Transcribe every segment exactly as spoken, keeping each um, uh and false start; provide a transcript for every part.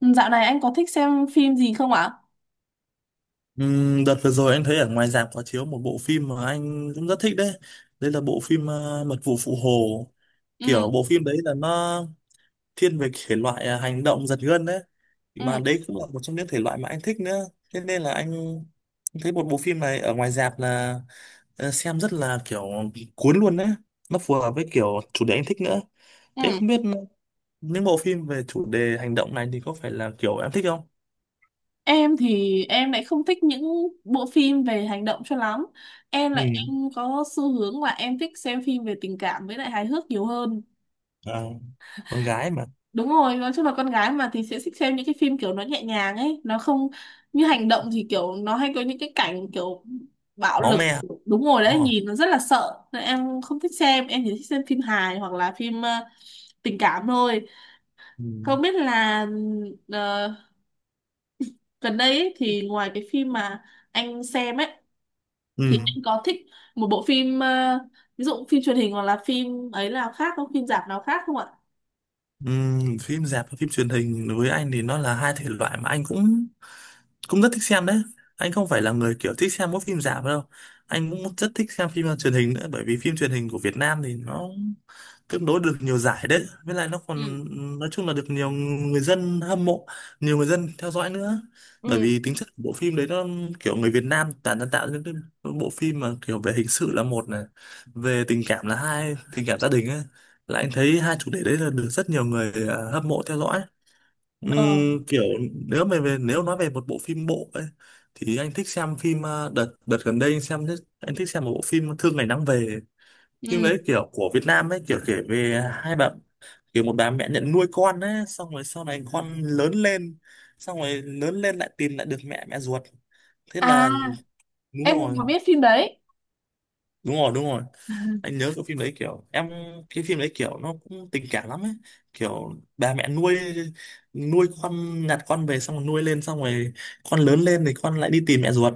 Ừ, Dạo này anh có thích xem phim gì không ạ? Ừm, đợt vừa rồi anh thấy ở ngoài rạp có chiếu một bộ phim mà anh cũng rất thích đấy. Đấy là bộ phim ờ, Mật vụ Phụ Hồ. Ừ, Kiểu bộ phim đấy là nó thiên về thể loại ờ, hành động giật gân đấy. ừ, Mà đấy cũng là một trong những thể loại mà anh thích nữa. Thế nên là anh anh thấy một bộ phim này ở ngoài rạp là ờ, xem rất là kiểu bị cuốn luôn đấy. Nó phù hợp với kiểu chủ đề anh thích nữa. ừ. Thế không biết những bộ phim về chủ đề hành động này thì có phải là kiểu em thích không? Em thì em lại không thích những bộ phim về hành động cho lắm. Em Ừ. lại em có xu hướng là em thích xem phim về tình cảm với lại hài hước nhiều hơn. À, con gái mà. Đúng rồi, nói chung là con gái mà thì sẽ thích xem những cái phim kiểu nó nhẹ nhàng ấy, nó không như hành động thì kiểu nó hay có những cái cảnh kiểu bạo Máu lực. me. Đúng rồi Đúng đấy, rồi. nhìn nó rất là sợ. Nên em không thích xem, em chỉ thích xem phim hài hoặc là phim ờ, tình cảm thôi. Ừ. Không biết là uh, gần đây ấy, thì ngoài cái phim mà anh xem ấy thì Ừ. anh có thích một bộ phim ờ, ví dụ phim truyền hình hoặc là phim ấy nào khác không, phim rạp nào khác không ạ? Ừ. Phim rạp và phim truyền hình đối với anh thì nó là hai thể loại mà anh cũng cũng rất thích xem đấy. Anh không phải là người kiểu thích xem mỗi phim rạp đâu. Anh cũng rất thích xem phim truyền hình nữa, bởi vì phim truyền hình của Việt Nam thì nó tương đối được nhiều giải đấy, với lại nó Ừ, còn nói chung là được nhiều người dân hâm mộ, nhiều người dân theo dõi nữa. Bởi ừ. vì tính chất của bộ phim đấy, nó kiểu người Việt Nam toàn đang tạo những cái bộ phim mà kiểu về hình sự là một này, về tình cảm là hai, tình cảm gia đình ấy, là anh thấy hai chủ đề đấy là được rất nhiều người à, hâm mộ theo dõi. Ờ. Ừm, kiểu nếu mà về nếu nói về một bộ phim bộ ấy thì anh thích xem phim, à, đợt đợt gần đây anh xem, anh thích xem một bộ phim Thương Ngày Nắng Về. Phim Ừ. đấy kiểu của Việt Nam ấy, kiểu kể về hai bạn, kiểu một bà mẹ nhận nuôi con ấy, xong rồi sau này con lớn lên, xong rồi lớn lên lại tìm lại được mẹ mẹ ruột, thế À, là đúng em cũng rồi, có biết phim đấy. đúng rồi, đúng rồi. Anh nhớ cái phim đấy kiểu em, cái phim đấy kiểu nó cũng tình cảm lắm ấy, kiểu bà mẹ nuôi nuôi con, nhặt con về xong rồi nuôi lên, xong rồi con lớn lên thì con lại đi tìm mẹ ruột,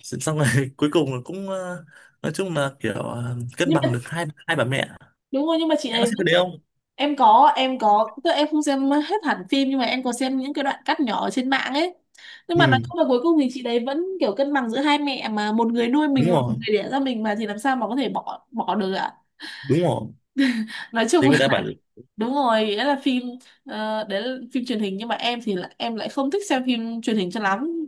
xong rồi cuối cùng là cũng ờ, nói chung là kiểu ờ, cân Nhưng bằng mà được hai hai bà mẹ. đúng rồi, nhưng mà chị Em ấy có xem cái vẫn... đấy không? em có em có, tức là em không xem hết hẳn phim nhưng mà em có xem những cái đoạn cắt nhỏ ở trên mạng ấy. Nhưng mà nói Ừ. chung là cuối cùng thì chị đấy vẫn kiểu cân bằng giữa hai mẹ, mà một người nuôi mình Đúng và một rồi, người đẻ ra mình mà thì làm sao mà có thể bỏ bỏ được ạ. đúng rồi, Nói thì chung, người ta bảo. đúng rồi, đấy là phim ờ, đấy là phim truyền hình nhưng mà em thì là, em lại không thích xem phim truyền hình cho lắm.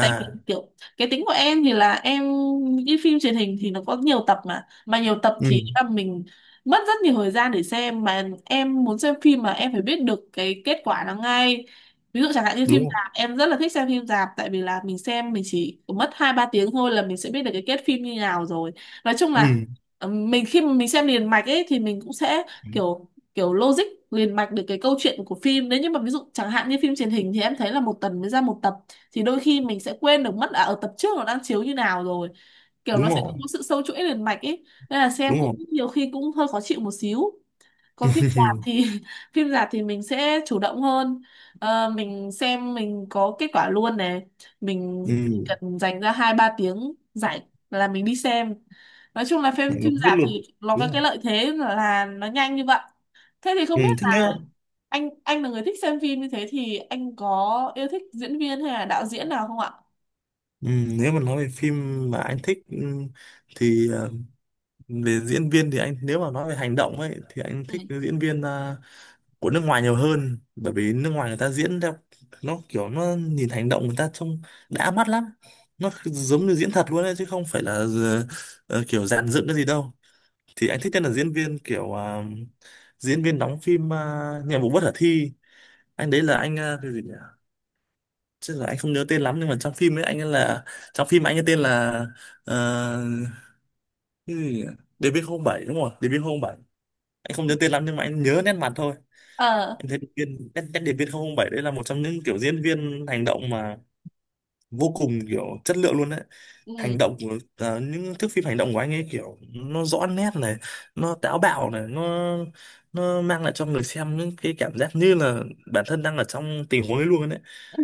Tại vì kiểu cái tính của em thì là em... những cái phim truyền hình thì nó có nhiều tập, mà mà nhiều tập Ừ. thì là mình mất rất nhiều thời gian để xem, mà em muốn xem phim mà em phải biết được cái kết quả nó ngay. Ví dụ chẳng hạn như Đúng phim rồi. rạp, em rất là thích xem phim rạp tại vì là mình xem mình chỉ mất hai ba tiếng thôi là mình sẽ biết được cái kết phim như nào rồi. Nói chung là Ừ. ờ, mình khi mà mình xem liền mạch ấy thì mình cũng sẽ kiểu kiểu logic liền mạch được cái câu chuyện của phim. Nếu như mà ví dụ chẳng hạn như phim truyền hình thì em thấy là một tuần mới ra một tập, thì đôi khi mình sẽ quên được mất à, ở tập trước nó đang chiếu như nào rồi, kiểu Đúng nó sẽ rồi, không có sự sâu chuỗi liền mạch ấy. Nên là xem đúng cũng rồi nhiều khi cũng hơi khó chịu một xíu. Còn phim rạp thì phim rạp thì mình sẽ chủ động hơn. Ờ, mình xem mình có kết quả luôn này, mình ừ, cần dành ra hai ba tiếng rảnh là mình đi xem. Nói chung là phim, mày nó phim biết rạp luôn. thì nó Đúng có rồi. cái lợi thế là nó nhanh như vậy. Thế thì Ừ, không biết thế nếu, là anh anh là người thích xem phim như thế thì anh có yêu thích diễn viên hay là đạo diễn nào không ạ? ừ, nếu mà nói về phim mà anh thích, ừ, thì ờ, về diễn viên thì anh, nếu mà nói về hành động ấy, thì anh Ừ. thích cái diễn viên ờ, của nước ngoài nhiều hơn, bởi vì nước ngoài người ta diễn theo nó kiểu, nó nhìn hành động người ta trông đã mắt lắm, nó giống như diễn thật luôn ấy, chứ không phải là ờ, ờ, kiểu dàn dựng cái gì đâu. Thì anh thích nhất là diễn viên kiểu, à, diễn viên đóng phim, à, Nhiệm vụ bất khả thi. Anh đấy là anh, à, cái gì nhỉ, chứ là anh không nhớ tên lắm. Nhưng mà trong phim ấy anh ấy là, trong phim anh ấy tên là, uh, cái gì nhỉ? Điệp viên không 07, đúng rồi, Điệp viên không đê bê không bảy. Anh không nhớ tên lắm nhưng mà anh nhớ nét mặt thôi. Ờ. Anh thấy điệp viên nét, nét điệp viên không không bảy đấy là một trong những kiểu diễn viên hành động mà vô cùng kiểu chất lượng luôn đấy. Ừ. Hành động của ờ, những thước phim hành động của anh ấy kiểu nó rõ nét này, nó táo bạo này, nó nó mang lại cho người xem những cái cảm giác như là bản thân đang ở trong tình huống ấy luôn đấy.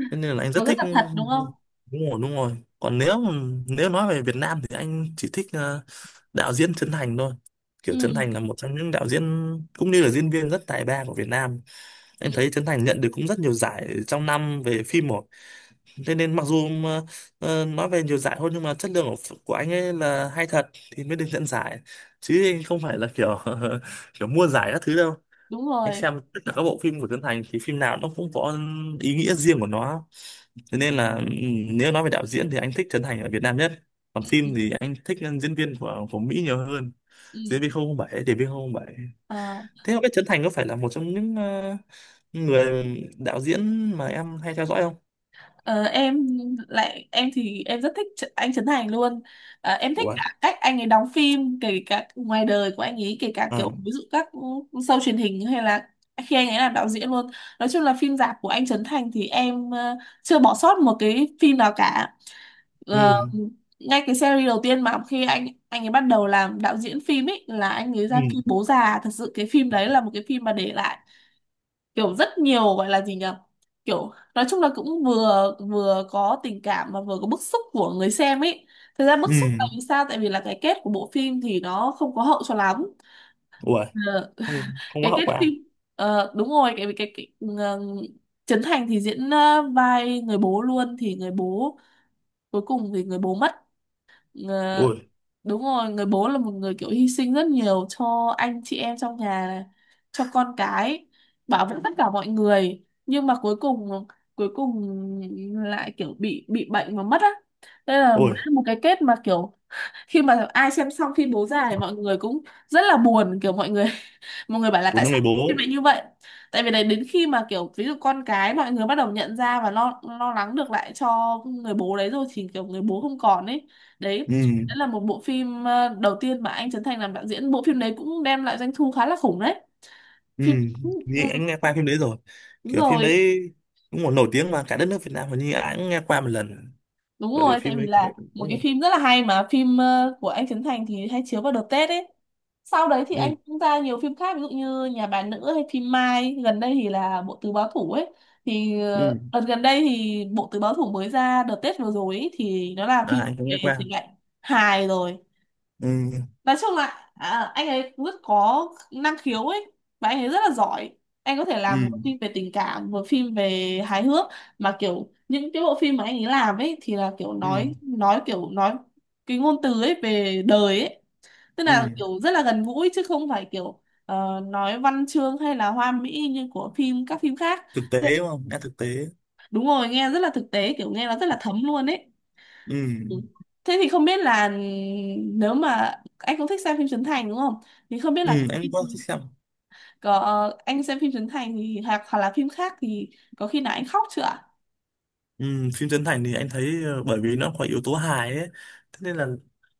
Thế nên là anh Nó rất rất thích. là thật, đúng không? Đúng rồi, đúng rồi, còn nếu, nếu nói về Việt Nam thì anh chỉ thích ờ, đạo diễn Trấn Thành thôi. Ừ. Kiểu Trấn Thành là một trong những đạo diễn cũng như là diễn viên rất tài ba của Việt Nam. Em Ừ. thấy Trấn Thành nhận được cũng rất nhiều giải trong năm về phim một. Thế nên mặc dù mà, ờ, nói về nhiều giải thôi, nhưng mà chất lượng của, của anh ấy là hay thật thì mới được nhận giải, chứ anh không phải là kiểu kiểu mua giải các thứ đâu. Đúng Anh rồi. xem tất cả các bộ phim của Trấn Thành thì phim nào nó cũng có ý nghĩa riêng của nó. Thế nên là, ừ, nếu nói về đạo diễn thì anh thích Trấn Thành ở Việt Nam nhất, còn Ừ. Ừ. phim thì anh thích diễn viên của của Mỹ nhiều hơn. Ừ. Diễn viên không không bảy, để viên không không bảy. Ờ. Thế không biết Trấn Thành có phải là một trong những ờ, người đạo diễn mà em hay theo dõi không? Ờ, em lại, em thì em rất thích Tr- anh Trấn Thành luôn. Ờ, em thích Ủa, rồi. cả cách anh ấy đóng phim, kể cả ngoài đời của anh ấy, kể cả kiểu Ờ. ví dụ các show truyền hình hay là khi anh ấy làm đạo diễn luôn. Nói chung là phim rạp của anh Trấn Thành thì em ờ, chưa bỏ sót một cái phim nào cả. Ừ. Ờ, ngay cái series đầu tiên mà khi anh anh ấy bắt đầu làm đạo diễn phim ấy, là anh ấy Ừ. ra phim Bố Già. Thật sự cái phim đấy là một cái phim mà để lại kiểu rất nhiều, gọi là gì nhỉ, kiểu nói chung là cũng vừa vừa có tình cảm mà vừa có bức xúc của người xem ấy. Thực ra bức xúc là Ừ. vì sao, tại vì là cái kết của bộ phim thì nó không có hậu cho lắm. Ui, Ờ, không, không có cái hậu kết quả. phim, ờ, đúng rồi, cái cái, cái ừ, ờ, Trấn Thành thì diễn ờ, vai người bố luôn, thì người bố cuối cùng thì người bố mất. Ờ, Ui. đúng rồi, người bố là một người kiểu hy sinh rất nhiều cho anh chị em trong nhà này, cho con cái, bảo vệ tất cả mọi người nhưng mà cuối cùng cuối cùng lại kiểu bị bị bệnh và mất á. Đây là một Ui, một cái kết mà kiểu khi mà ai xem xong phim Bố Già thì mọi người cũng rất là buồn, kiểu mọi người mọi người bảo là của tại những người sao phim bố. lại như vậy. Tại vì đấy, đến khi mà kiểu ví dụ con cái mọi người bắt đầu nhận ra và lo lo lắng được lại cho người bố đấy rồi thì kiểu người bố không còn ấy. Đấy, Ừ. đấy là một bộ phim ờ, đầu tiên mà anh Trấn Thành làm đạo diễn. Bộ phim đấy cũng đem lại doanh thu khá là khủng đấy. Ừ, Phim... ừ, như anh nghe qua phim đấy rồi. đúng Kiểu phim rồi. đấy cũng còn nổi tiếng mà, cả đất nước Việt Nam hình như ai cũng nghe qua một lần. Đúng Bởi vì rồi, tại phim vì đấy kiểu, là ừ. một cái phim rất là hay, mà phim ờ, của anh Trấn Thành thì hay chiếu vào đợt Tết ấy. Sau đấy thì Ừ. anh cũng ra nhiều phim khác ví dụ như Nhà Bà Nữ hay phim Mai, gần đây thì là Bộ Tứ Báo Thủ ấy. Thì ờ, Ừ. đợt gần đây thì Bộ Tứ Báo Thủ mới ra đợt Tết vừa rồi ấy, thì nó là À, phim anh cũng về nghe thể qua. loại hài rồi. Ừ. Nói chung là à, anh ấy rất có năng khiếu ấy, và anh ấy rất là giỏi. Anh có thể Ừ. làm một phim về tình cảm, một phim về hài hước, mà kiểu những cái bộ phim mà anh ấy làm ấy thì là kiểu Ừ. nói nói kiểu nói cái ngôn từ ấy về đời ấy. Tức Ừ, là kiểu rất là gần gũi chứ không phải kiểu ờ, nói văn chương hay là hoa mỹ như của phim, các phim khác. thực Thế- tế đúng không, nghe thực tế. đúng rồi, nghe rất là thực tế, kiểu nghe nó rất là thấm luôn ấy. Ừ. Ừ. Thế thì không biết là, nếu mà anh cũng thích xem phim Trấn Thành đúng không? Thì không biết là Ừ, anh có thích xem. có, anh xem phim Trấn Thành thì hoặc, hoặc là phim khác thì có khi nào anh khóc chưa ạ? Ừ, phim Trấn Thành thì anh thấy ờ, bởi vì nó có yếu tố hài ấy, thế nên là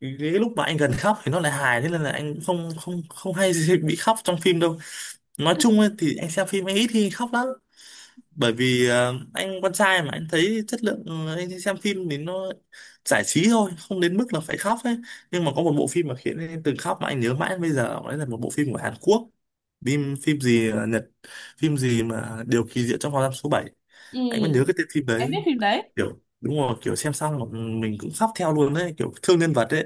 cái cái lúc mà anh gần khóc thì nó lại hài, thế nên là anh cũng không không không hay gì bị khóc trong phim đâu. Nói chung ấy, thì anh xem phim anh ít khi khóc lắm, bởi vì ờ, anh con trai mà, anh thấy chất lượng, ờ, anh xem phim thì nó giải trí thôi, không đến mức là phải khóc ấy. Nhưng mà có một bộ phim mà khiến anh từng khóc mà anh nhớ mãi đến bây giờ, đấy là một bộ phim của Hàn Quốc, phim phim gì ờ, Nhật, phim gì mà Điều kỳ diệu trong phòng giam số bảy. Ừ, Anh vẫn nhớ cái tên phim em đấy, biết phim đấy. kiểu đúng rồi, kiểu xem xong mà mình cũng khóc theo luôn đấy, kiểu thương nhân vật đấy,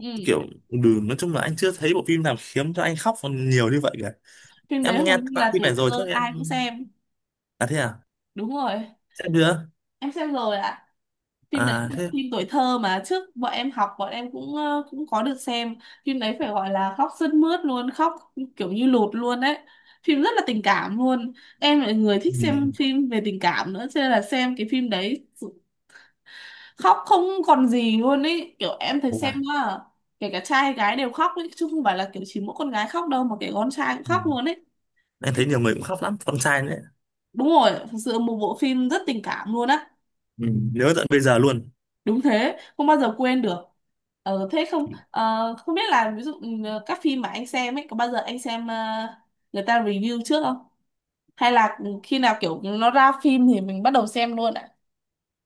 Ừ, kiểu, ừ, nói chung là anh chưa thấy bộ phim nào khiến cho anh khóc còn nhiều như vậy cả. phim đấy Em hầu nghe như qua là phim tuổi này rồi thơ chắc em, ai cũng xem. à thế à, Đúng rồi, xem chưa, em xem rồi ạ. Phim đấy à là thế. phim tuổi thơ mà trước bọn em học, bọn em cũng ờ, cũng có được xem. Phim đấy phải gọi là khóc sướt mướt luôn, khóc kiểu như lụt luôn đấy. Phim rất là tình cảm luôn. Em là người thích Ừ. xem phim về tình cảm nữa cho nên là xem cái phim đấy khóc không còn gì luôn ấy, kiểu em thấy xem Wow. á, kể cả trai hay gái đều khóc ấy chứ không phải là kiểu chỉ mỗi con gái khóc đâu, mà kể con trai cũng Ừ. khóc luôn ấy. Em thấy nhiều người cũng khóc lắm, con trai nữa. Đúng rồi, thực sự một bộ phim rất tình cảm luôn á. Ừ. Nhớ tận bây giờ luôn. Đúng thế, không bao giờ quên được. Ờ thế không, ờ, không biết là ví dụ ừ, các phim mà anh xem ấy, có bao giờ anh xem ờ, người ta review trước không, hay là ừ, khi nào kiểu nó ra phim thì mình bắt đầu xem luôn ạ?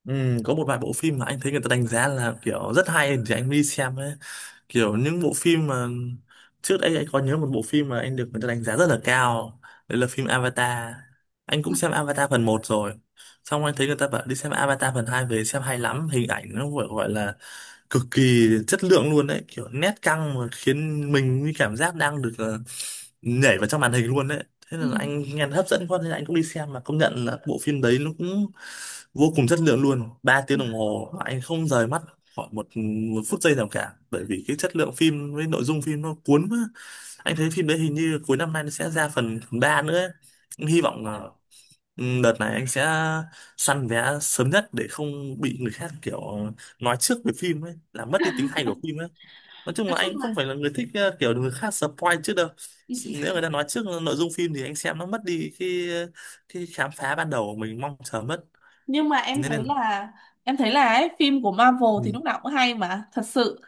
Ừ, có một vài bộ phim mà anh thấy người ta đánh giá là kiểu rất hay thì anh mới đi xem ấy. Kiểu những bộ phim mà trước đây anh có nhớ, một bộ phim mà anh được người ta đánh giá rất là cao, đấy là phim Avatar. Anh cũng xem Avatar phần một rồi, xong anh thấy người ta bảo đi xem Avatar phần hai, về xem hay lắm, hình ảnh nó gọi gọi là cực kỳ chất lượng luôn đấy, kiểu nét căng, mà khiến mình như cảm giác đang được ờ, nhảy vào trong màn hình luôn đấy. Thế Ừ. là anh nghe hấp dẫn quá nên anh cũng đi xem, mà công nhận là bộ phim đấy nó cũng vô cùng chất lượng luôn. Ba Ừ. tiếng đồng hồ mà anh không rời mắt khỏi một, một phút giây nào cả, bởi vì cái chất lượng phim với nội dung phim nó cuốn quá. Anh thấy phim đấy hình như cuối năm nay nó sẽ ra phần ba nữa ấy. Hy vọng là, ừ, đợt này anh sẽ săn vé sớm nhất để không bị người khác kiểu nói trước về phim ấy, làm mất đi tính hay của phim ấy. Nói chung là Nói chung anh cũng không là phải là người thích ờ, kiểu người khác spoil trước đâu. ừ, Nếu người ta nói trước nội dung phim thì anh xem nó mất đi cái cái khám phá ban đầu của mình mong chờ mất. nhưng mà em Nên thấy nên, là, em thấy là ấy, phim của Marvel ừ, thì lúc nào cũng hay, mà thật sự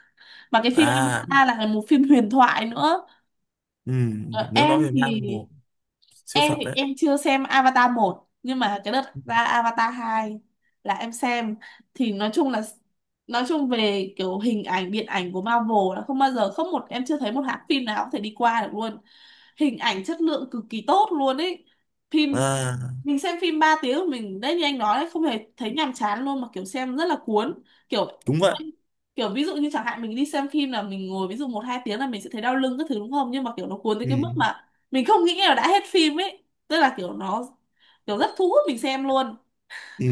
mà cái phim à, Avatar là một phim huyền thoại nữa. ừ, Ờ, nếu nói em về thì Marvel siêu em phẩm thì đấy. em chưa xem Avatar một, nhưng mà cái đợt ra Avatar hai là em xem. Thì nói chung là, nói chung về kiểu hình ảnh điện ảnh của Marvel là không bao giờ không, một em chưa thấy một hãng phim nào có thể đi qua được luôn. Hình ảnh chất lượng cực kỳ tốt luôn ấy. Phim À, mình xem phim ba tiếng của mình đấy, như anh nói đấy, không hề thấy nhàm chán luôn mà kiểu xem rất là cuốn. Kiểu, đúng vậy. kiểu ví dụ như chẳng hạn mình đi xem phim là mình ngồi ví dụ một hai tiếng là mình sẽ thấy đau lưng các thứ đúng không, nhưng mà kiểu nó cuốn tới Ừ. cái mức mà mình không nghĩ là đã hết phim ấy. Tức là kiểu nó kiểu rất thu hút mình xem luôn. Ừ.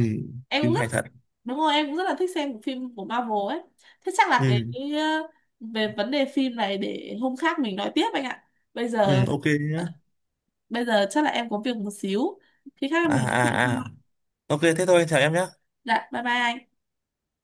Em cũng Phim rất... hay thật. đúng rồi, em cũng rất là thích xem phim của Marvel ấy. Thế chắc là cái, Ừ. cái ờ, về vấn đề phim này để hôm khác mình nói tiếp anh ạ. Bây giờ Ừ, ok ờ, nhá. bây giờ chắc là em có việc một xíu, khi khác À mình... à à. Ok thế thôi, chào em nhé. Dạ, bye bye anh.